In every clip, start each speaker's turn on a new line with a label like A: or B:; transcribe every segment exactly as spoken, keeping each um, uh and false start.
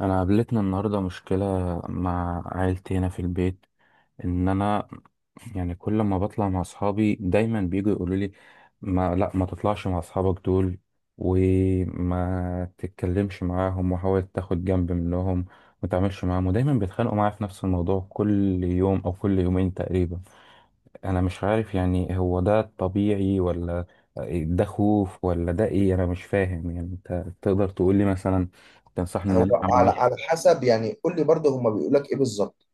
A: انا قابلتنا النهارده مشكله مع عيلتي هنا في البيت، ان انا يعني كل ما بطلع مع اصحابي دايما بيجوا يقولوا لي ما لا ما تطلعش مع اصحابك دول، وما تتكلمش معاهم وحاول تاخد جنب منهم، ما تعملش معاهم. ودايما بيتخانقوا معايا في نفس الموضوع كل يوم او كل يومين تقريبا. انا مش عارف يعني هو ده طبيعي ولا ده خوف ولا ده ايه، انا مش فاهم. يعني انت تقدر تقول لي مثلا، تنصحني ان انا
B: هو على
A: اعمل
B: على حسب يعني قول لي برضه هما بيقول لك ايه بالظبط.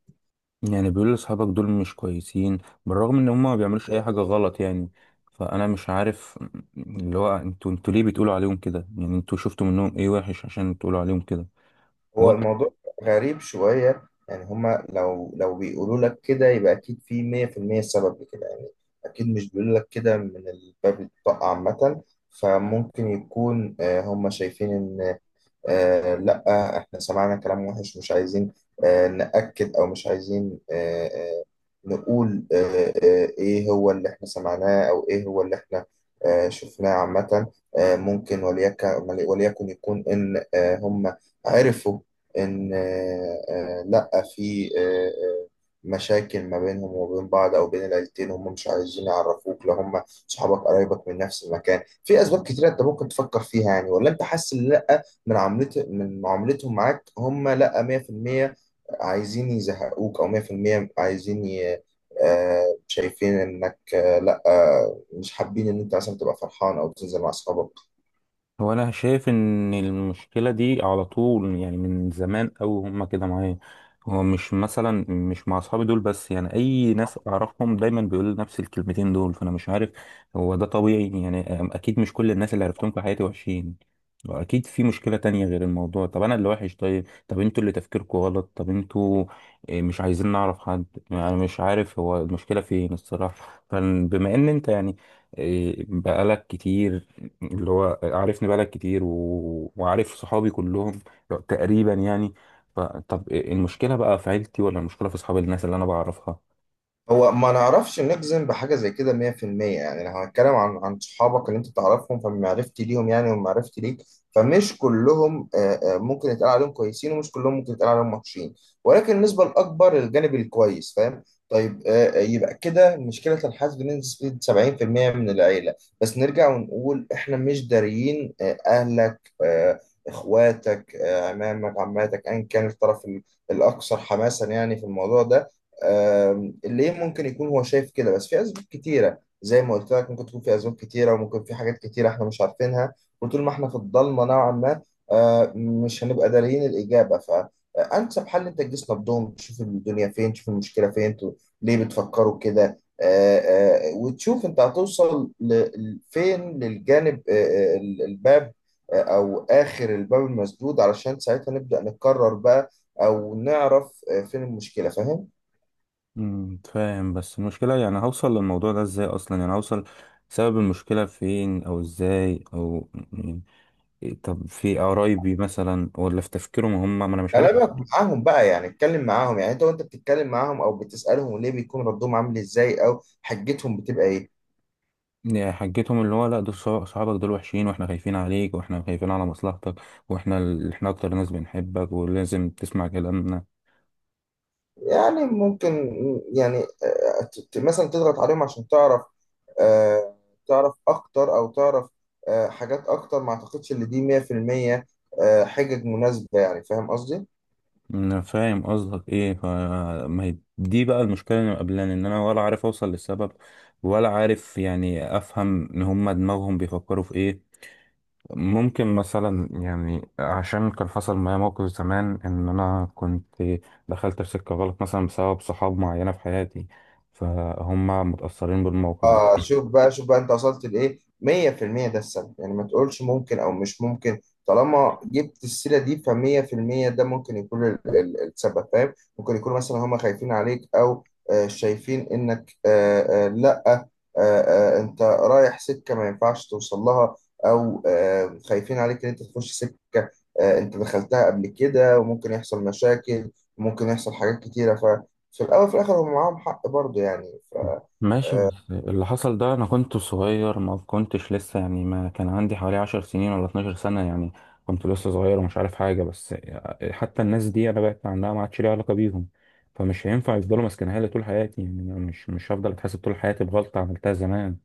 A: يعني. بيقول لأصحابك دول مش كويسين، بالرغم ان هم ما بيعملوش اي حاجة غلط يعني. فانا مش عارف اللي هو انتوا انتوا ليه بتقولوا عليهم كده؟ يعني انتوا شفتوا منهم ايه وحش عشان تقولوا عليهم كده؟
B: هو الموضوع غريب شوية. يعني هما لو لو بيقولوا لك كده يبقى اكيد في مية في المية سبب لكده يعني. اكيد مش بيقولوا لك كده من الباب الطاقة عامة. فممكن يكون آه، هما شايفين ان آه لا، احنا سمعنا كلام وحش مش عايزين آه نأكد او مش عايزين آه آه نقول آه آه ايه هو اللي احنا سمعناه او ايه هو اللي احنا آه شفناه عامة. آه ممكن وليك وليكن يكون ان آه هم عرفوا ان آه آه لا، في آه آه مشاكل ما بينهم وبين بعض او بين العيلتين، هم مش عايزين يعرفوك لو هم صحابك قرايبك من نفس المكان. في اسباب كتيرة انت ممكن تفكر فيها يعني، ولا انت حاسس ان لا، من عملت من معاملتهم معاك هم لا مية في المية عايزين يزهقوك، او مية في المية عايزين ي... آه، شايفين انك آه، لا آه، مش حابين ان انت مثلا تبقى فرحان او تنزل مع اصحابك.
A: هو انا شايف ان المشكله دي على طول يعني، من زمان قوي هما كده معايا. هو مش مثلا مش مع اصحابي دول بس، يعني اي ناس اعرفهم دايما بيقولوا نفس الكلمتين دول. فانا مش عارف هو ده طبيعي يعني. أم- اكيد مش كل الناس اللي عرفتهم في حياتي وحشين، واكيد في مشكله تانية غير الموضوع. طب انا اللي وحش؟ طيب، طب انتوا اللي تفكيركم غلط؟ طب انتوا إيه، مش عايزين نعرف حد؟ يعني مش عارف هو المشكله فين الصراحه. فبما ان انت يعني إيه، بقالك كتير اللي هو عارفني، بقالك كتير و... وعارف صحابي كلهم تقريبا يعني، فطب المشكلة بقى في عيلتي ولا المشكلة في أصحاب الناس اللي أنا بعرفها؟
B: هو ما نعرفش نجزم بحاجة زي كده مية في المية. يعني لو هنتكلم عن عن صحابك اللي انت تعرفهم فمعرفتي ليهم يعني ومعرفتي ليك، فمش كلهم آه، آه، ممكن يتقال عليهم كويسين، ومش كلهم ممكن يتقال عليهم وحشين، ولكن النسبة الأكبر للجانب الكويس، فاهم؟ طيب آه، آه، يبقى كده مشكلة الحاسد بنسبة سبعين في المية من العيلة. بس نرجع ونقول احنا مش داريين آه، أهلك، آه، إخواتك، آه، عمامك، عماتك، أيا كان الطرف الأكثر حماسا يعني في الموضوع ده ليه. ممكن يكون هو شايف كده، بس في اسباب كتيره زي ما قلت لك، ممكن تكون في اسباب كتيره وممكن في حاجات كتيره احنا مش عارفينها. وطول ما احنا في الضلمه نوعا ما، آه، مش هنبقى داريين الاجابه. فانسب حل انت تجلس نبضهم، تشوف الدنيا فين، تشوف المشكله فين، انتوا ليه بتفكروا كده. آه، آه، وتشوف انت هتوصل ل- فين للجانب آه، آه، الباب، آه، او اخر الباب المسدود، علشان ساعتها نبدا نقرر بقى او نعرف آه، فين المشكله، فاهم؟
A: امم فاهم. بس المشكلة يعني هوصل للموضوع ده إزاي أصلا؟ يعني هوصل سبب المشكلة فين أو إزاي أو يعني إيه؟ طب في قرايبي مثلا ولا في تفكيرهم هم؟ ما أنا مش عارف.
B: كلامك معاهم بقى يعني، اتكلم معاهم يعني، انت وانت بتتكلم معاهم او بتسألهم ليه، بيكون ردهم عامل ازاي او حجتهم بتبقى ايه؟
A: يعني حجتهم اللي هو، لا دول صح- صحابك دول وحشين، وإحنا خايفين عليك وإحنا خايفين على مصلحتك، وإحنا ال- إحنا أكتر ناس بنحبك ولازم تسمع كلامنا.
B: يعني ممكن يعني آه، ت- ت- مثلا تضغط عليهم عشان تعرف، آه، تعرف اكتر او تعرف آه، حاجات اكتر. ما اعتقدش ان دي مية في المية آه، حجج مناسبة، يعني فاهم قصدي؟
A: انا فاهم قصدك ايه. ف ما هي دي بقى المشكله اللي مقابلاني، ان انا ولا عارف اوصل للسبب ولا عارف يعني افهم ان هم دماغهم بيفكروا في ايه. ممكن مثلا يعني عشان كان حصل معايا موقف زمان ان انا كنت دخلت في سكه غلط مثلا بسبب صحاب معينه في حياتي، فهم متاثرين بالموقف ده.
B: اه شوف بقى، شوف بقى، انت وصلت لايه؟ مية في المية ده السبب يعني، ما تقولش ممكن او مش ممكن. طالما جبت السيره دي ف مية في المية ده ممكن يكون ال- ال- السبب، فاهم؟ ممكن يكون مثلا هم خايفين عليك، او آه شايفين انك آه آه لا آه آه انت رايح سكه ما ينفعش توصل لها، او آه خايفين عليك ان انت تخش سكه آه انت دخلتها قبل كده وممكن يحصل مشاكل، وممكن يحصل حاجات كتيره. ففي الاول وفي الاخر هم معاهم حق برضه يعني.
A: ماشي، بس اللي حصل ده انا كنت صغير ما كنتش لسه، يعني ما كان عندي حوالي عشر سنين ولا 12 سنة يعني. كنت لسه صغير ومش عارف حاجة. بس حتى الناس دي انا بعدت عنها، ما عادش ليها علاقة بيهم. فمش هينفع يفضلوا ماسكينها لي طول حياتي. يعني أنا مش مش هفضل اتحاسب طول حياتي بغلطة عملتها زمان.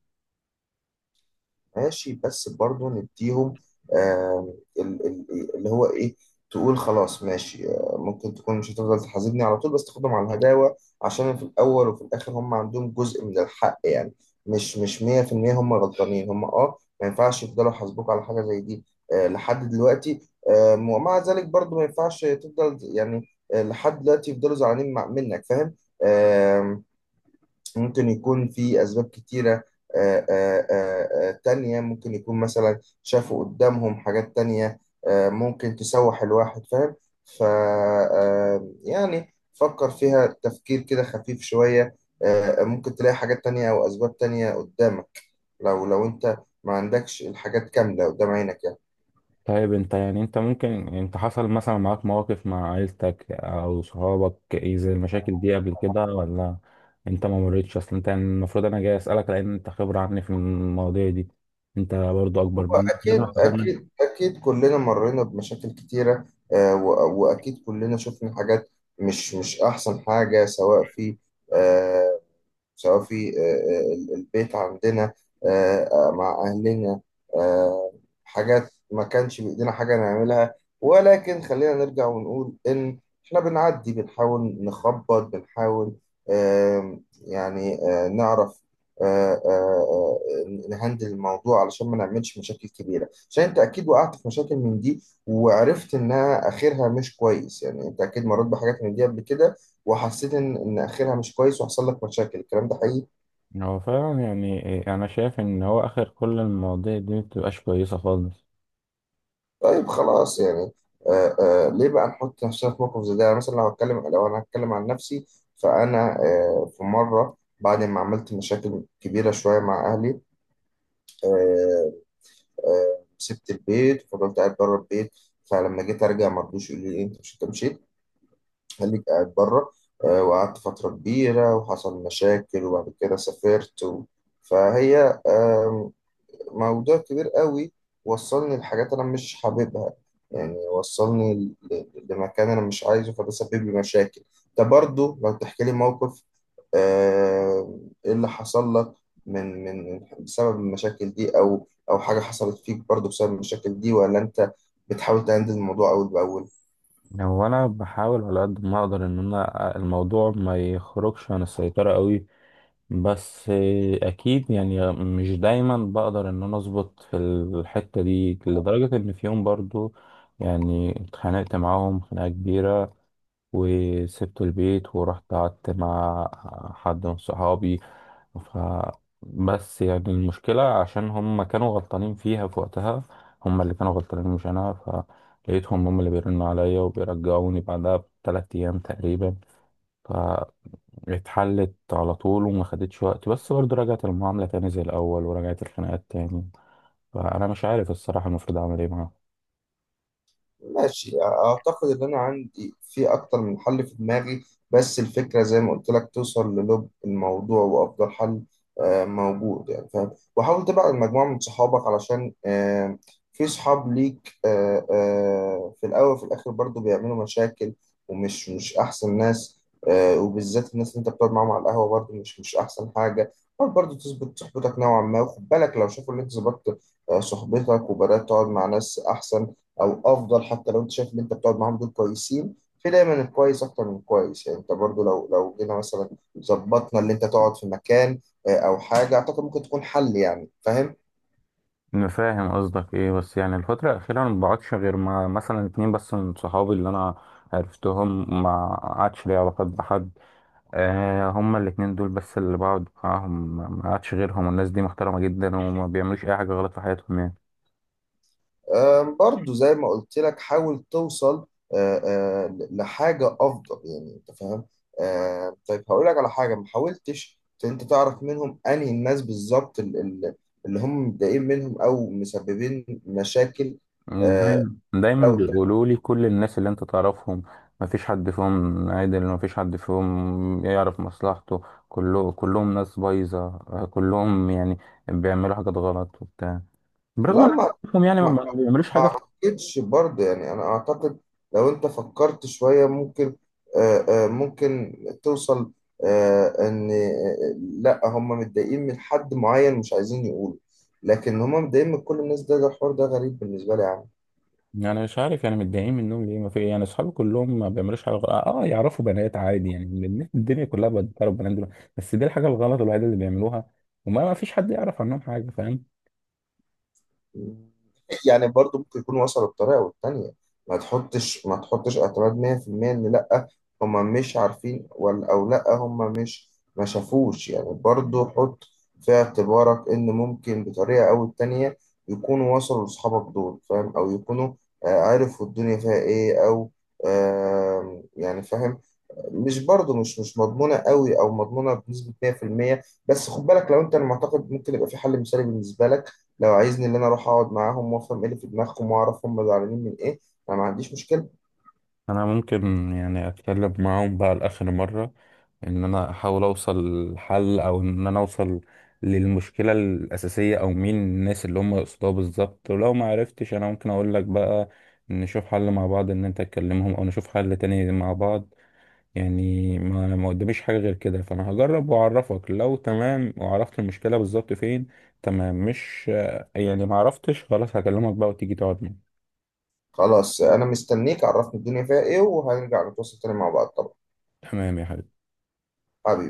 B: ماشي، بس برضو نديهم آم، ال- ال- اللي هو ايه، تقول خلاص ماشي، آه، ممكن تكون مش هتفضل تحاسبني على طول، بس تاخدهم على الهداوة عشان في الأول وفي الآخر هم عندهم جزء من الحق يعني. مش مش مية في المية هم غلطانين. هم اه ما ينفعش يفضلوا يحاسبوك على حاجة زي دي آه، لحد دلوقتي. آم، ومع ذلك برضو ما ينفعش تفضل يعني آه، لحد دلوقتي يفضلوا زعلانين مع- منك، فاهم؟ ممكن يكون في أسباب كتيرة آه، آه، آه، آه، تانية. ممكن يكون مثلا شافوا قدامهم حاجات تانية آه، ممكن تسوح الواحد، فاهم؟ ف آه، يعني فكر فيها تفكير كده خفيف شوية. آه، آه، ممكن تلاقي حاجات تانية أو أسباب تانية قدامك، لو لو أنت ما عندكش الحاجات كاملة قدام عينك يعني.
A: طيب انت يعني، انت ممكن انت حصل مثلا معاك مواقف مع عيلتك او صحابك ايه زي المشاكل دي قبل كده، ولا انت ما مريتش اصلا؟ انت يعني المفروض انا جاي اسالك لان انت خبره عني في المواضيع دي، انت برضو
B: هو
A: اكبر مني لازم
B: أكيد،
A: استفاد منك.
B: أكيد أكيد كلنا مرينا بمشاكل كتيرة، آه، و- وأكيد كلنا شفنا حاجات مش مش أحسن حاجة، سواء في آه، سواء في آه، آه، ال- البيت عندنا، آه، آه، مع أهلنا، آه، حاجات ما كانش بإيدينا حاجة نعملها. ولكن خلينا نرجع ونقول إن إحنا بنعدي، بنحاول نخبط، بنحاول آم، يعني آه، نعرف آه، آه، آه، نهندل الموضوع علشان ما نعملش مشاكل كبيرة. عشان أنت أكيد وقعت في مشاكل من دي وعرفت إنها آخرها مش كويس، يعني أنت أكيد مريت بحاجات من دي قبل كده وحسيت ان ان اخرها مش كويس وحصل لك مشاكل، الكلام ده حقيقي.
A: هو فعلا يعني ايه، انا شايف ان هو اخر كل المواضيع دي مبتبقاش كويسه خالص.
B: طيب خلاص يعني آه آه ليه بقى نحط نفسنا في موقف زي ده؟ يعني مثلا لو هتكلم، لو انا هتكلم عن نفسي، فانا آه في مره بعد ما عملت مشاكل كبيره شويه مع اهلي، آه آه سبت البيت وفضلت قاعد بره البيت. فلما جيت ارجع ما رضوش، يقولوا لي إيه، انت مش، انت مشيت خليك قاعد بره. آه وقعدت فتره كبيره وحصل مشاكل، وبعد كده سافرت و... فهي موضوع كبير قوي وصلني لحاجات انا مش حاببها، يعني وصلني ل- لمكان انا مش عايزه، فده سبب لي مشاكل. ده برضو لو تحكي لي موقف آه، ايه اللي حصل لك من من بسبب المشاكل دي، او او حاجة حصلت فيك برضو بسبب المشاكل دي، ولا انت بتحاول تهندل الموضوع اول باول.
A: يعني هو انا بحاول على قد ما اقدر ان انا الموضوع ما يخرجش عن السيطره قوي. بس آه، اكيد يعني مش دايما بقدر ان انا اظبط في الحتة دي، لدرجة ان في يوم برضو يعني اتخانقت معاهم خناقة كبيرة وسبت البيت ورحت قعدت مع حد من صحابي. ف بس يعني المشكلة، عشان هم كانوا غلطانين فيها في وقتها، هم اللي كانوا غلطانين مش انا. فلقيتهم هم اللي بيرنوا عليا وبيرجعوني بعدها بثلاث ايام تقريبا. اتحلت على طول وما خدتش وقت، بس برضه رجعت المعاملة تاني زي الأول ورجعت الخناقات تاني. فأنا مش عارف الصراحة المفروض أعمل إيه معاهم.
B: ماشي، اعتقد ان انا عندي في اكتر من حل في دماغي، بس الفكره زي ما قلت لك توصل للب الموضوع وافضل حل آه، موجود، يعني فاهم. وحاول تبعد مجموعه من صحابك علشان آه، في صحاب ليك آه، آه، في الاول وفي الاخر برضو بيعملوا مشاكل ومش مش احسن ناس. آه، وبالذات الناس اللي انت بتقعد معاهم على القهوه برضو مش مش احسن حاجه. حاول برضو تظبط صحبتك نوعا ما، وخد بالك لو شافوا ان انت ظبطت آه، صحبتك وبدات تقعد مع ناس احسن او افضل، حتى لو انت شايف ان انت بتقعد معاهم دول كويسين، في دايما الكويس اكتر من الكويس يعني. انت برضو لو لو جينا مثلا ظبطنا اللي انت تقعد في مكان آه، او حاجه، اعتقد ممكن تكون حل، يعني فاهم.
A: أنا فاهم قصدك إيه. بس يعني الفترة الأخيرة أنا ما بقعدش غير مع مثلا اتنين بس من صحابي اللي أنا عرفتهم، ما قعدش لي علاقات بحد. آه، هما الاتنين دول بس اللي بقعد معاهم، ما ما قعدش غيرهم، والناس دي محترمة جدا وما بيعملوش أي حاجة غلط في حياتهم يعني.
B: آم، برضو زي ما قلت لك حاول توصل آه، آه، ل- لحاجه افضل، يعني انت فاهم. آه، طيب هقول لك على حاجه، ما حاولتش ت- انت تعرف منهم انهي الناس بالظبط ال- ال- اللي هم متضايقين منهم او مسببين مشاكل؟ آه،
A: دايما دايما
B: لو ت-
A: بيقولوا لي كل الناس اللي انت تعرفهم ما فيش حد فيهم عادل، ما فيش حد فيهم يعرف مصلحته. كله كلهم ناس بايظة آه، كلهم يعني بيعملوا حاجات غلط وبتاع، برغم
B: لا
A: ان انا
B: ما
A: أعرفهم يعني ما
B: ما
A: بيعملوش
B: ما
A: حاجة.
B: اعتقدش برضه يعني، انا اعتقد لو انت فكرت شوية ممكن آه، آه، ممكن توصل آه، ان آه، لا هم متضايقين من حد معين مش عايزين يقولوا، لكن هم متضايقين من كل الناس؟ ده ده الحوار ده غريب بالنسبة لي يا عم.
A: يعني مش عارف يعني متضايقين منهم ليه. ما في يعني اصحابي كلهم ما بيعملوش حاجة غلط. اه يعرفوا بنات عادي، يعني الناس- الدنيا كلها بتعرف بنات دول. بس دي الحاجة الغلط الوحيدة اللي بيعملوها، وما ما فيش حد يعرف عنهم حاجة فاهم.
B: يعني برضو ممكن يكون وصلوا بطريقة والتانية. ما تحطش ما تحطش اعتراض مية في المية ان لا هما مش عارفين ولا، او لا هما مش ما شافوش. يعني برضو حط في اعتبارك ان ممكن بطريقة او التانية يكونوا وصلوا لاصحابك دول، فاهم؟ او يكونوا آه، عرفوا الدنيا فيها ايه، او آه، يعني فاهم. مش برضو مش مش مضمونة قوي او مضمونة بنسبة مية في المية، بس خد بالك. لو انت المعتقد ممكن يبقى في حل مثالي بالنسبة لك، لو عايزني ان انا اروح اقعد معاهم وافهم ايه اللي في دماغهم واعرف هم زعلانين من ايه، انا ما عنديش مشكله.
A: انا ممكن يعني اتكلم معاهم بقى لاخر مره، ان انا احاول اوصل لحل او ان انا اوصل للمشكله الاساسيه او مين الناس اللي هم يقصدوها بالظبط. ولو ما عرفتش انا ممكن اقول لك بقى، نشوف حل مع بعض ان انت تكلمهم او نشوف حل تاني مع بعض. يعني ما ما قداميش حاجه غير كده. فانا هجرب واعرفك لو تمام وعرفت المشكله بالظبط فين تمام، مش يعني ما عرفتش خلاص هكلمك بقى وتيجي تقعد معايا.
B: خلاص انا مستنيك، عرفني الدنيا فيها ايه وهنرجع نتواصل تاني مع بعض طبعا.
A: تمام يا حبيبي.
B: حبيبي.